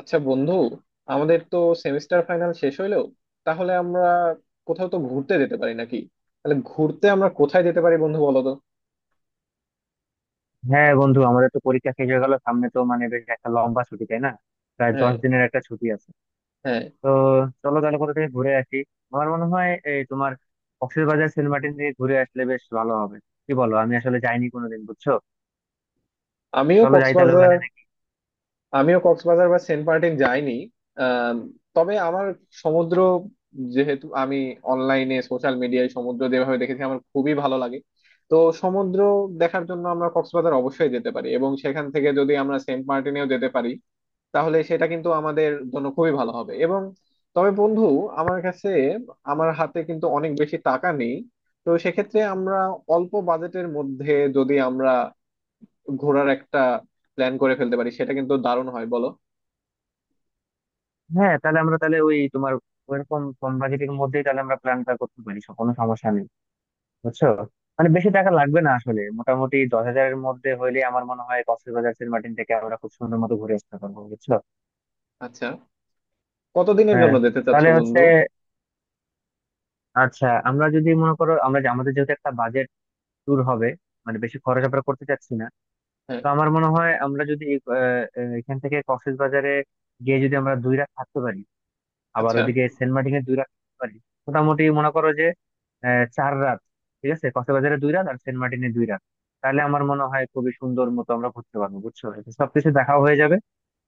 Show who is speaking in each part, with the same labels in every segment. Speaker 1: আচ্ছা বন্ধু, আমাদের তো সেমিস্টার ফাইনাল শেষ হইলো। তাহলে আমরা কোথাও তো ঘুরতে যেতে পারি নাকি? তাহলে ঘুরতে আমরা কোথায় যেতে পারি বন্ধু, বলো তো।
Speaker 2: হ্যাঁ বন্ধু, আমাদের তো পরীক্ষা শেষ হয়ে গেল। সামনে তো বেশ একটা লম্বা ছুটি, তাই না? প্রায়
Speaker 1: হ্যাঁ,
Speaker 2: 10 দিনের একটা ছুটি আছে।
Speaker 1: হ্যাঁ,
Speaker 2: তো চলো তাহলে কোথা থেকে ঘুরে আসি। আমার মনে হয় এই তোমার কক্সবাজার, সেন্ট মার্টিন দিয়ে ঘুরে আসলে বেশ ভালো হবে, কি বলো? আমি আসলে যাইনি কোনোদিন, বুঝছো।
Speaker 1: আমিও
Speaker 2: চলো যাই তাহলে
Speaker 1: কক্সবাজার,
Speaker 2: ওখানে।
Speaker 1: আমিও কক্সবাজার বা সেন্ট মার্টিন যাইনি। আম, তবে আমার সমুদ্র, যেহেতু আমি অনলাইনে সোশ্যাল মিডিয়ায় সমুদ্র যেভাবে দেখেছি আমার খুবই ভালো লাগে। তো সমুদ্র দেখার জন্য আমরা কক্সবাজার অবশ্যই যেতে পারি, এবং সেখান থেকে যদি আমরা সেন্ট মার্টিনেও যেতে পারি তাহলে সেটা কিন্তু আমাদের জন্য খুবই ভালো হবে। এবং তবে বন্ধু, আমার কাছে আমার হাতে কিন্তু অনেক বেশি টাকা নেই। তো সেক্ষেত্রে আমরা, অল্প বাজেটের মধ্যে যদি আমরা ঘোরার একটা প্ল্যান করে ফেলতে পারি সেটা কিন্তু দারুণ হয়, বলো।
Speaker 2: হ্যাঁ, তাহলে আমরা তাহলে ওই তোমার ওইরকম কম বাজেটের মধ্যেই তাহলে আমরা প্ল্যানটা করতে পারি, সব, কোনো সমস্যা নেই, বুঝছো। বেশি টাকা লাগবে না আসলে। মোটামুটি 10 হাজারের মধ্যে হইলে আমার মনে হয় কক্সবাজার, সেন্ট মার্টিন থেকে আমরা খুব সুন্দর মতো ঘুরে আসতে পারবো, বুঝছো।
Speaker 1: আচ্ছা, কতদিনের
Speaker 2: হ্যাঁ,
Speaker 1: জন্য যেতে চাচ্ছ
Speaker 2: তাহলে হচ্ছে,
Speaker 1: বন্ধু?
Speaker 2: আচ্ছা, আমরা যদি মনে করো, আমরা আমাদের যেহেতু একটা বাজেট ট্যুর হবে, বেশি খরচ আমরা করতে চাচ্ছি না।
Speaker 1: হ্যাঁ,
Speaker 2: তো আমার মনে হয় আমরা যদি আহ, আহ, এখান থেকে কক্সবাজারে গিয়ে যদি আমরা 2 রাত থাকতে পারি, আবার
Speaker 1: আচ্ছা,
Speaker 2: ওইদিকে সেন্ট মার্টিনে 2 রাত থাকতে পারি, মোটামুটি মনে করো যে 4 রাত। ঠিক আছে, কক্সবাজারে 2 রাত আর সেন্ট মার্টিনে 2 রাত। তাহলে আমার মনে হয় খুবই সুন্দর মতো আমরা ঘুরতে পারবো, বুঝছো। এতে সবকিছু দেখাও হয়ে যাবে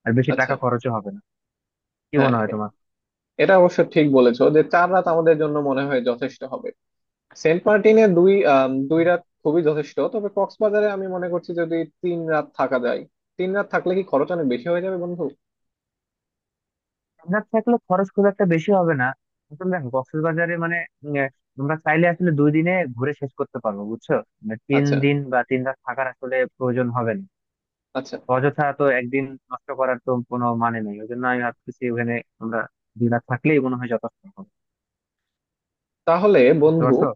Speaker 2: আর বেশি
Speaker 1: আচ্ছা,
Speaker 2: টাকা খরচও হবে না। কি
Speaker 1: হ্যাঁ
Speaker 2: মনে হয় তোমার?
Speaker 1: এটা অবশ্য ঠিক বলেছো যে 4 রাত আমাদের জন্য মনে হয় যথেষ্ট হবে। সেন্ট মার্টিনে দুই রাত খুবই যথেষ্ট, তবে কক্সবাজারে আমি মনে করছি যদি 3 রাত থাকা যায়। তিন রাত থাকলে কি খরচ অনেক বেশি হয়ে যাবে বন্ধু?
Speaker 2: আমরা থাকলে খরচ খুব একটা বেশি হবে না। আসলে দেখো, কক্সবাজারে উম, আহ, তোমরা চাইলে আসলে 2 দিনে ঘুরে শেষ করতে পারবো, বুঝছো। তিন
Speaker 1: আচ্ছা,
Speaker 2: দিন বা 3 রাত থাকার আসলে প্রয়োজন হবে না।
Speaker 1: আচ্ছা,
Speaker 2: অযথা তো একদিন নষ্ট করার তো কোনো মানে নেই। ওই জন্য আমি ভাবতেছি ওখানে আমরা 2 রাত থাকলেই মনে হয় যথেষ্ট হবে।
Speaker 1: তাহলে
Speaker 2: বুঝতে
Speaker 1: বন্ধু,
Speaker 2: পারছো?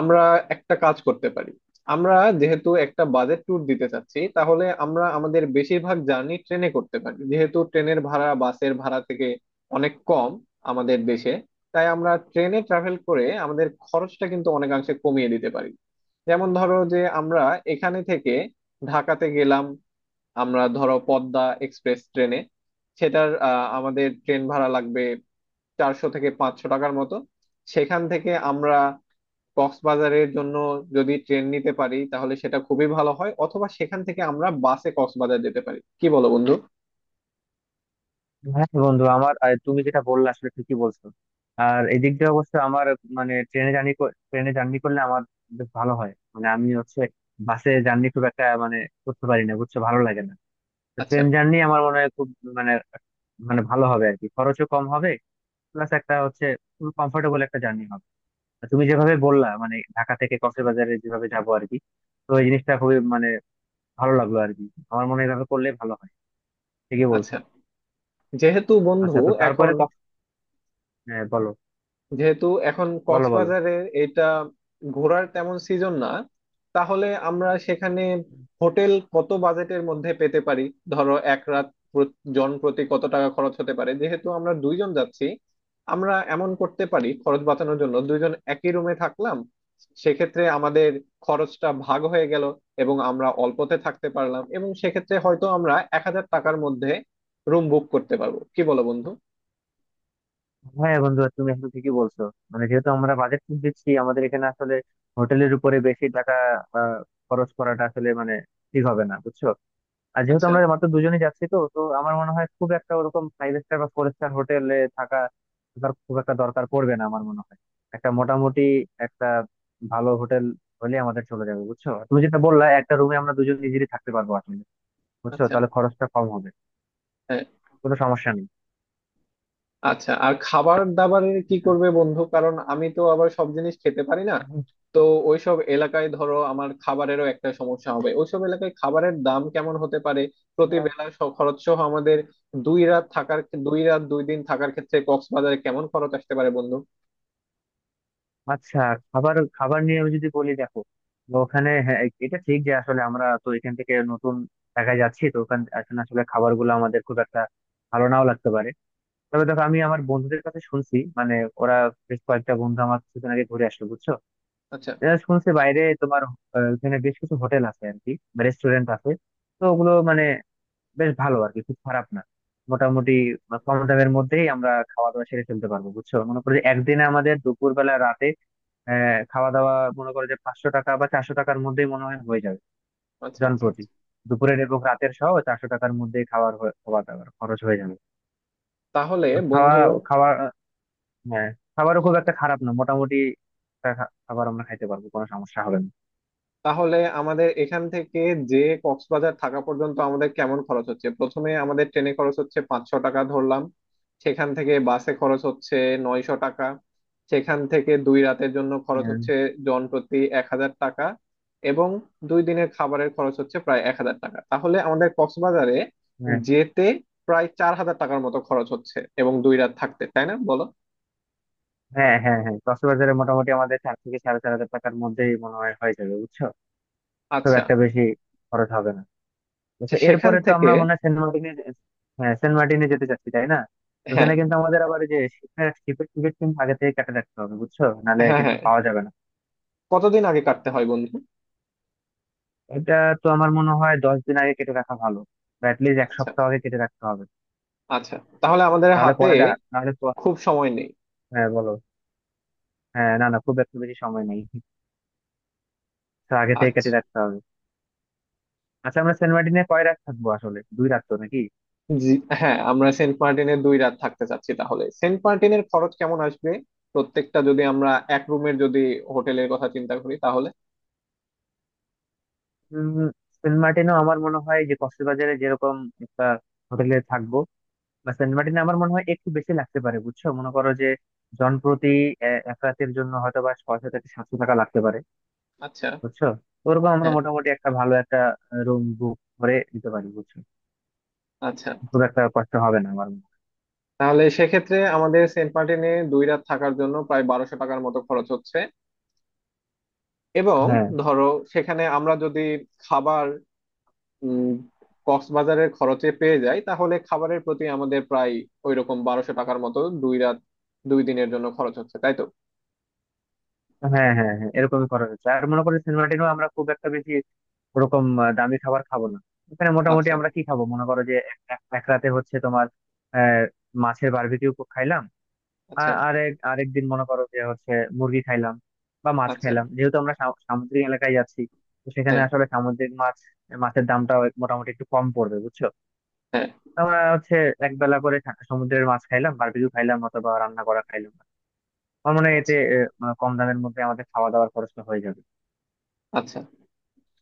Speaker 1: আমরা একটা কাজ করতে পারি। আমরা যেহেতু একটা বাজেট ট্যুর দিতে চাচ্ছি, তাহলে আমরা আমাদের বেশিরভাগ জার্নি ট্রেনে করতে পারি, যেহেতু ট্রেনের ভাড়া বাসের ভাড়া থেকে অনেক কম আমাদের দেশে। তাই আমরা ট্রেনে ট্রাভেল করে আমাদের খরচটা কিন্তু অনেকাংশে কমিয়ে দিতে পারি। যেমন ধরো যে আমরা এখানে থেকে ঢাকাতে গেলাম, আমরা ধরো পদ্মা এক্সপ্রেস ট্রেনে, সেটার আমাদের ট্রেন ভাড়া লাগবে 400 থেকে 500 টাকার মতো। সেখান থেকে আমরা কক্সবাজারের জন্য যদি ট্রেন নিতে পারি তাহলে সেটা খুবই ভালো হয়, অথবা সেখান থেকে আমরা বাসে কক্সবাজার যেতে পারি। কি বলো বন্ধু?
Speaker 2: হ্যাঁ বন্ধু, আমার তুমি যেটা বললে আসলে ঠিকই বলছো। আর এদিক দিয়ে অবশ্য আমার, মানে ট্রেনে জার্নি ট্রেনে জার্নি করলে আমার বেশ ভালো হয়। আমি হচ্ছে বাসে জার্নি খুব একটা করতে পারি না, বুঝছো, ভালো লাগে না। তো
Speaker 1: আচ্ছা,
Speaker 2: ট্রেন জার্নি আমার মনে হয় খুব মানে মানে ভালো হবে আর কি, খরচও কম হবে। প্লাস একটা হচ্ছে, খুব কমফোর্টেবল একটা জার্নি হবে। আর তুমি যেভাবে বললা, ঢাকা থেকে কক্সবাজারে যেভাবে যাবো আর কি, তো এই জিনিসটা খুবই ভালো লাগলো আর কি। আমার মনে হয় এভাবে করলে ভালো হয়, ঠিকই বলছো।
Speaker 1: আচ্ছা, যেহেতু বন্ধু
Speaker 2: আচ্ছা, তো তারপরে
Speaker 1: এখন
Speaker 2: হ্যাঁ বলো,
Speaker 1: যেহেতু এখন
Speaker 2: বলো, বলো।
Speaker 1: কক্সবাজারে এটা ঘোরার তেমন সিজন না, তাহলে আমরা সেখানে হোটেল কত বাজেটের মধ্যে পেতে পারি? ধরো 1 রাত, জন প্রতি কত টাকা খরচ হতে পারে? যেহেতু আমরা 2 জন যাচ্ছি, আমরা এমন করতে পারি, খরচ বাঁচানোর জন্য 2 জন একই রুমে থাকলাম, সেক্ষেত্রে আমাদের খরচটা ভাগ হয়ে গেল, এবং আমরা অল্পতে থাকতে পারলাম, এবং সেক্ষেত্রে হয়তো আমরা 1000 টাকার মধ্যে রুম বুক করতে পারবো। কি বলো বন্ধু?
Speaker 2: হ্যাঁ বন্ধু, তুমি এখন ঠিকই বলছো। যেহেতু আমরা বাজেট দিচ্ছি, আমাদের এখানে আসলে হোটেলের উপরে বেশি টাকা আহ, খরচ করাটা আসলে ঠিক হবে না, বুঝছো। আর যেহেতু
Speaker 1: আচ্ছা,
Speaker 2: আমরা মাত্র দুজনেই যাচ্ছি, তো তো আমার মনে হয় খুব একটা ওরকম ফাইভ স্টার বা ফোর স্টার হোটেলে থাকা থাকার খুব একটা দরকার পড়বে না আমার মনে হয়। একটা মোটামুটি একটা ভালো হোটেল হলে আমাদের চলে যাবে, বুঝছো। আর তুমি যেটা বললা, একটা রুমে আমরা দুজন ইজিলি থাকতে পারবো আসলে, বুঝছো।
Speaker 1: আচ্ছা,
Speaker 2: তাহলে খরচটা কম হবে,
Speaker 1: হ্যাঁ।
Speaker 2: কোনো সমস্যা নেই।
Speaker 1: আচ্ছা, আর খাবার দাবারের কি
Speaker 2: আচ্ছা
Speaker 1: করবে বন্ধু? কারণ আমি তো আবার সব জিনিস খেতে পারি না। তো ওইসব এলাকায় ধরো আমার খাবারেরও একটা সমস্যা হবে। ওইসব এলাকায় খাবারের দাম কেমন হতে পারে প্রতি
Speaker 2: আচ্ছা
Speaker 1: বেলা খরচ সহ? আমাদের 2 রাত থাকার, 2 রাত 2 দিন থাকার ক্ষেত্রে কক্সবাজারে কেমন খরচ আসতে পারে বন্ধু?
Speaker 2: আচ্ছা, খাবার খাবার নিয়ে আমি যদি বলি, দেখো, তো ওখানে, হ্যাঁ, এটা ঠিক যে আসলে আমরা তো এখান থেকে নতুন জায়গায় যাচ্ছি, তো ওখানে আসলে খাবার গুলো আমাদের খুব একটা ভালো নাও লাগতে পারে। তবে দেখো, আমি আমার বন্ধুদের কাছে শুনছি, ওরা বেশ কয়েকটা বন্ধু আমার কিছুদিন আগে ঘুরে আসলো, বুঝছো।
Speaker 1: আচ্ছা,
Speaker 2: এরা শুনছি বাইরে তোমার ওখানে বেশ কিছু হোটেল আছে আর কি, রেস্টুরেন্ট আছে। তো ওগুলো বেশ ভালো আর কি, খুব খারাপ না। মোটামুটি কম দামের মধ্যেই আমরা খাওয়া দাওয়া সেরে ফেলতে পারবো, বুঝছো। মনে করো যে একদিনে আমাদের দুপুর বেলা, রাতে খাওয়া দাওয়া, মনে করো যে 500 টাকা বা 400 টাকার মধ্যেই মনে হয় হয়ে যাবে।
Speaker 1: আচ্ছা, আচ্ছা,
Speaker 2: জনপ্রতি
Speaker 1: আচ্ছা।
Speaker 2: দুপুরের এবং রাতের সহ 400 টাকার মধ্যে খাওয়া দাওয়ার খরচ হয়ে যাবে।
Speaker 1: তাহলে
Speaker 2: আর খাওয়া
Speaker 1: বন্ধু
Speaker 2: খাওয়া হ্যাঁ, খাবারও খুব একটা খারাপ না। মোটামুটি একটা খাবার আমরা খাইতে পারবো, কোনো সমস্যা হবে না।
Speaker 1: তাহলে আমাদের এখান থেকে, যে, কক্সবাজার থাকা পর্যন্ত আমাদের কেমন খরচ হচ্ছে? প্রথমে আমাদের ট্রেনে খরচ হচ্ছে 500 টাকা ধরলাম, সেখান থেকে বাসে খরচ হচ্ছে 900 টাকা, সেখান থেকে 2 রাতের জন্য খরচ
Speaker 2: হ্যাঁ
Speaker 1: হচ্ছে জন প্রতি 1000 টাকা, এবং 2 দিনের খাবারের খরচ হচ্ছে প্রায় 1000 টাকা। তাহলে আমাদের কক্সবাজারে
Speaker 2: হ্যাঁ
Speaker 1: যেতে প্রায় 4000 টাকার মতো খরচ হচ্ছে এবং 2 রাত থাকতে, তাই না বলো?
Speaker 2: হ্যাঁ হ্যাঁ হ্যাঁ কক্সবাজারে মোটামুটি আমাদের 4 থেকে সাড়ে 4 হাজার টাকার মধ্যেই মনে হয় হয়ে যাবে, বুঝছো। খুব
Speaker 1: আচ্ছা,
Speaker 2: একটা বেশি খরচ হবে না, বুঝছো।
Speaker 1: সেখান
Speaker 2: এরপরে তো
Speaker 1: থেকে,
Speaker 2: আমরা মনে হয় সেন্ট মার্টিনে, হ্যাঁ, সেন্ট মার্টিনে যেতে চাচ্ছি তাই না। ওখানে
Speaker 1: হ্যাঁ,
Speaker 2: কিন্তু আমাদের আবার এই যে শিপের শিপের টিকিট কিন্তু আগে থেকে কেটে রাখতে হবে, বুঝছো, নাহলে
Speaker 1: হ্যাঁ,
Speaker 2: কিন্তু
Speaker 1: হ্যাঁ।
Speaker 2: পাওয়া যাবে না।
Speaker 1: কতদিন আগে কাটতে হয় বন্ধু?
Speaker 2: এটা তো আমার মনে হয় 10 দিন আগে কেটে রাখা ভালো, বা লিস্ট এক
Speaker 1: আচ্ছা,
Speaker 2: সপ্তাহ আগে কেটে রাখতে হবে।
Speaker 1: আচ্ছা, তাহলে আমাদের
Speaker 2: নাহলে
Speaker 1: হাতে
Speaker 2: পরে দেখা
Speaker 1: খুব সময় নেই।
Speaker 2: হ্যাঁ বলো। হ্যাঁ, না না, খুব একটা বেশি সময় নেই, তো আগে থেকে কেটে
Speaker 1: আচ্ছা,
Speaker 2: রাখতে হবে। আচ্ছা, আমরা সেন্ট মার্টিনে কয় রাত থাকবো আসলে, 2 রাত তো নাকি?
Speaker 1: হ্যাঁ, আমরা সেন্ট মার্টিনে 2 রাত থাকতে চাচ্ছি, তাহলে সেন্ট মার্টিনের খরচ কেমন আসবে প্রত্যেকটা? যদি আমরা এক রুমের যদি হোটেলের কথা চিন্তা করি তাহলে
Speaker 2: উম, সেন্ট মার্টিনও আমার মনে হয় যে কক্সবাজারে যেরকম একটা হোটেলে থাকবো, বা সেন্ট মার্টিনে আমার মনে হয় একটু বেশি লাগতে পারে, বুঝছো। মনে করো যে জনপ্রতি এক রাতের জন্য হয়তো বা 600 থেকে 700 টাকা লাগতে পারে,
Speaker 1: আচ্ছা,
Speaker 2: বুঝছো। ওরকম আমরা
Speaker 1: হ্যাঁ,
Speaker 2: মোটামুটি একটা ভালো একটা রুম বুক করে দিতে পারি, বুঝছো।
Speaker 1: আচ্ছা।
Speaker 2: খুব একটা কষ্ট হবে না আমার মনে হয়।
Speaker 1: তাহলে সেক্ষেত্রে আমাদের সেন্ট মার্টিনে দুই রাত থাকার জন্য প্রায় 1200 টাকার মতো খরচ হচ্ছে, এবং
Speaker 2: হ্যাঁ
Speaker 1: ধরো সেখানে আমরা যদি খাবার উম কক্সবাজারের খরচে পেয়ে যাই, তাহলে খাবারের প্রতি আমাদের প্রায় ওইরকম 1200 টাকার মতো 2 রাত 2 দিনের জন্য খরচ হচ্ছে, তাই তো?
Speaker 2: হ্যাঁ হ্যাঁ হ্যাঁ এরকমই করা হচ্ছে। আর মনে করি সেন্ট মার্টিনও আমরা খুব একটা বেশি ওরকম দামি খাবার খাবো না। ওখানে মোটামুটি
Speaker 1: আচ্ছা,
Speaker 2: আমরা কি খাবো, মনে করো যে এক এক- এক রাতে হচ্ছে তোমার আহ, মাছের বারবিকিউ খাইলাম। আর
Speaker 1: আচ্ছা,
Speaker 2: আরেকদিন মনে করো যে হচ্ছে মুরগি খাইলাম বা মাছ
Speaker 1: আচ্ছা,
Speaker 2: খাইলাম, যেহেতু আমরা সামুদ্রিক এলাকায় যাচ্ছি। তো সেখানে
Speaker 1: হ্যাঁ,
Speaker 2: আসলে সামুদ্রিক মাছ, দামটা মোটামুটি একটু কম পড়বে, বুঝছো।
Speaker 1: হ্যাঁ,
Speaker 2: তো আমরা হচ্ছে এক বেলা করে সমুদ্রের মাছ খাইলাম, বারবিকিউ খাইলাম, অথবা রান্না করা খাইলাম। আমার মনে হয়
Speaker 1: আচ্ছা,
Speaker 2: এতে আহ, মানে কম দামের মধ্যে আমাদের খাওয়া দাওয়ার খরচটা হয়ে যাবে।
Speaker 1: আচ্ছা।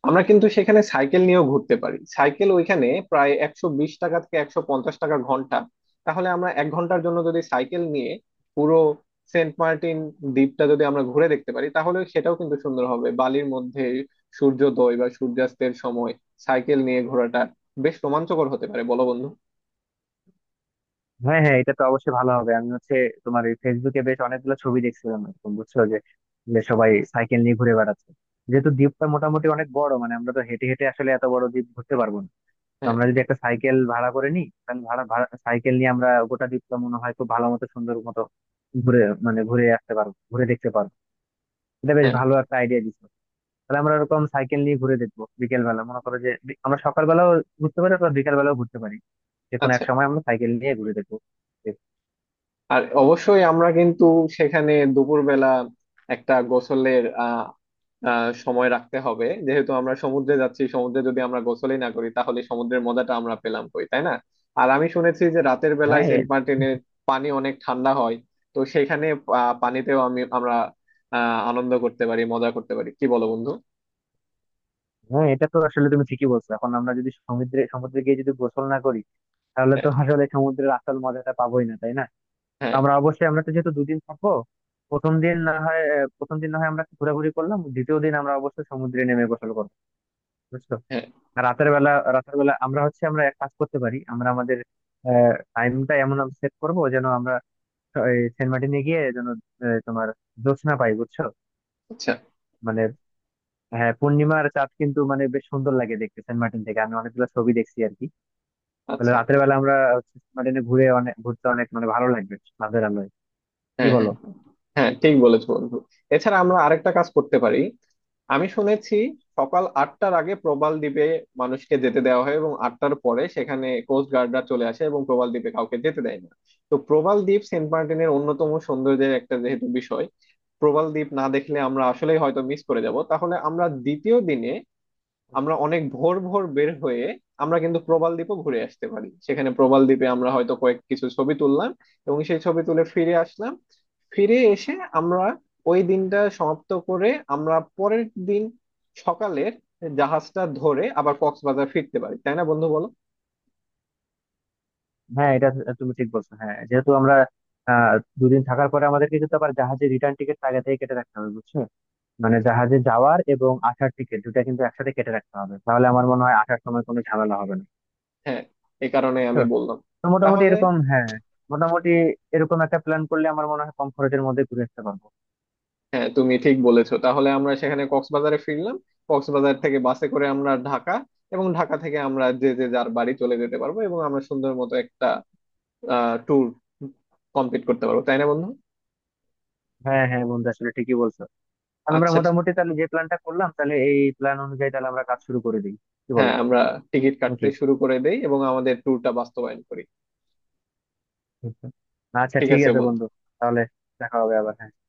Speaker 1: আমরা কিন্তু সেখানে সাইকেল নিয়েও ঘুরতে পারি। সাইকেল ওইখানে প্রায় 120 টাকা থেকে 150 টাকা ঘন্টা। তাহলে আমরা 1 ঘন্টার জন্য যদি সাইকেল নিয়ে পুরো সেন্ট মার্টিন দ্বীপটা যদি আমরা ঘুরে দেখতে পারি তাহলে সেটাও কিন্তু সুন্দর হবে। বালির মধ্যে সূর্যোদয় বা সূর্যাস্তের সময় সাইকেল নিয়ে ঘোরাটা বেশ রোমাঞ্চকর হতে পারে, বলো বন্ধু?
Speaker 2: হ্যাঁ হ্যাঁ, এটা তো অবশ্যই ভালো হবে। আমি হচ্ছে তোমার এই ফেসবুকে বেশ অনেকগুলো ছবি দেখছিলাম এরকম, বুঝছো, যে যে সবাই সাইকেল নিয়ে ঘুরে বেড়াচ্ছে। যেহেতু দ্বীপটা মোটামুটি অনেক বড়, আমরা তো হেঁটে হেঁটে আসলে এত বড় দ্বীপ ঘুরতে পারবো না। তো
Speaker 1: হ্যাঁ,
Speaker 2: আমরা যদি একটা সাইকেল ভাড়া করে নিই, তাহলে ভাড়া ভাড়া সাইকেল নিয়ে আমরা গোটা দ্বীপটা মনে হয় খুব ভালো মতো, সুন্দর মতো ঘুরে ঘুরে আসতে পারবো, ঘুরে দেখতে পারবো। এটা বেশ
Speaker 1: হ্যাঁ,
Speaker 2: ভালো একটা আইডিয়া দিচ্ছ। তাহলে আমরা এরকম সাইকেল নিয়ে ঘুরে দেখবো। বিকেল বেলা, মনে করো যে আমরা সকাল বেলাও ঘুরতে পারি অথবা বিকেল বেলাও ঘুরতে পারি, যে কোনো এক
Speaker 1: আচ্ছা।
Speaker 2: সময় আমরা সাইকেল নিয়ে ঘুরে দেখবো।
Speaker 1: আর অবশ্যই আমরা কিন্তু সেখানে দুপুরবেলা একটা গোসলের আহ আহ সময় রাখতে হবে, যেহেতু আমরা সমুদ্রে যাচ্ছি। সমুদ্রে যদি আমরা গোসলই না করি তাহলে সমুদ্রের মজাটা আমরা পেলাম কই, তাই না? আর আমি শুনেছি যে রাতের বেলায়
Speaker 2: হ্যাঁ
Speaker 1: সেন্ট মার্টিনের পানি অনেক ঠান্ডা হয়। তো সেখানে পানিতেও আমরা আনন্দ করতে পারি, মজা করতে পারি। কি বলো বন্ধু?
Speaker 2: হ্যাঁ, এটা তো আসলে তুমি ঠিকই বলছো। এখন আমরা যদি সমুদ্রে সমুদ্রে গিয়ে যদি গোসল না করি, তাহলে তো
Speaker 1: হ্যাঁ,
Speaker 2: আসলে সমুদ্রের আসল মজাটা পাবোই না তাই না। তো
Speaker 1: হ্যাঁ,
Speaker 2: আমরা অবশ্যই, আমরা তো যেহেতু দুদিন থাকবো, প্রথম দিন না হয় আমরা একটু ঘোরাঘুরি করলাম, দ্বিতীয় দিন আমরা অবশ্যই সমুদ্রে নেমে গোসল করবো, বুঝছো।
Speaker 1: হ্যাঁ,
Speaker 2: আর রাতের বেলা আমরা হচ্ছে আমরা এক কাজ করতে পারি, আমরা আমাদের টাইমটা এমন সেট করবো যেন আমরা এই সেন্ট মার্টিনে গিয়ে যেন তোমার জ্যোৎস্না পাই, বুঝছো।
Speaker 1: আচ্ছা,
Speaker 2: মানে হ্যাঁ, পূর্ণিমার চাঁদ কিন্তু বেশ সুন্দর লাগে দেখতে সেন্ট মার্টিন থেকে, আমি অনেকগুলো ছবি দেখছি আর কি।
Speaker 1: আচ্ছা,
Speaker 2: রাতের বেলা আমরা হচ্ছে মার্টিনে ঘুরে, অনেক ঘুরতে, অনেক ভালো লাগবে রাতের আলোয়, কি
Speaker 1: হ্যাঁ,
Speaker 2: বলো।
Speaker 1: হ্যাঁ, হ্যাঁ ঠিক বলেছো বন্ধু। এছাড়া আমরা আরেকটা কাজ করতে পারি। আমি শুনেছি সকাল 8টার আগে প্রবাল দ্বীপে মানুষকে যেতে দেওয়া হয়, এবং 8টার পরে সেখানে কোস্ট গার্ডরা চলে আসে এবং প্রবাল দ্বীপে কাউকে যেতে দেয় না। তো প্রবাল দ্বীপ সেন্ট মার্টিনের অন্যতম সৌন্দর্যের একটা যেহেতু বিষয়, প্রবাল দ্বীপ না দেখলে আমরা আসলেই হয়তো মিস করে যাব। তাহলে আমরা দ্বিতীয় দিনে আমরা অনেক ভোর ভোর বের হয়ে আমরা কিন্তু প্রবাল দ্বীপও ঘুরে আসতে পারি। সেখানে প্রবাল দ্বীপে আমরা হয়তো কয়েক কিছু ছবি তুললাম এবং সেই ছবি তুলে ফিরে আসলাম। ফিরে এসে আমরা ওই দিনটা সমাপ্ত করে আমরা পরের দিন সকালের জাহাজটা ধরে আবার কক্সবাজার ফিরতে পারি, তাই না বন্ধু, বলো?
Speaker 2: হ্যাঁ, এটা তুমি ঠিক বলছো। হ্যাঁ, যেহেতু আমরা আহ দুদিন থাকার পরে আমাদেরকে কিন্তু আবার জাহাজে রিটার্ন টিকিট আগে থেকে কেটে রাখতে হবে, বুঝছো। জাহাজে যাওয়ার এবং আসার টিকিট দুটা কিন্তু একসাথে কেটে রাখতে হবে, তাহলে আমার মনে হয় আসার সময় কোনো ঝামেলা হবে না,
Speaker 1: হ্যাঁ, এই কারণে আমি
Speaker 2: বুঝছো।
Speaker 1: বললাম।
Speaker 2: তো মোটামুটি
Speaker 1: তাহলে,
Speaker 2: এরকম, হ্যাঁ, মোটামুটি এরকম একটা প্ল্যান করলে আমার মনে হয় কম খরচের মধ্যে ঘুরে আসতে পারবো।
Speaker 1: হ্যাঁ, তুমি ঠিক বলেছো। তাহলে আমরা সেখানে কক্সবাজারে ফিরলাম, কক্সবাজার থেকে বাসে করে আমরা ঢাকা, এবং ঢাকা থেকে আমরা যে যে যার বাড়ি চলে যেতে পারবো, এবং আমরা সুন্দর মতো একটা ট্যুর কমপ্লিট করতে পারবো, তাই না বন্ধু?
Speaker 2: হ্যাঁ হ্যাঁ বন্ধু, আসলে ঠিকই বলছো। তাহলে আমরা
Speaker 1: আচ্ছা,
Speaker 2: মোটামুটি তাহলে যে প্ল্যানটা করলাম, তাহলে এই প্ল্যান অনুযায়ী তাহলে আমরা কাজ শুরু করে দিই, কি বলো,
Speaker 1: হ্যাঁ, আমরা টিকিট কাটতে
Speaker 2: নাকি?
Speaker 1: শুরু করে দেই এবং আমাদের ট্যুরটা বাস্তবায়ন করি।
Speaker 2: আচ্ছা
Speaker 1: ঠিক
Speaker 2: ঠিক
Speaker 1: আছে
Speaker 2: আছে বন্ধু,
Speaker 1: বন্ধু।
Speaker 2: তাহলে দেখা হবে আবার।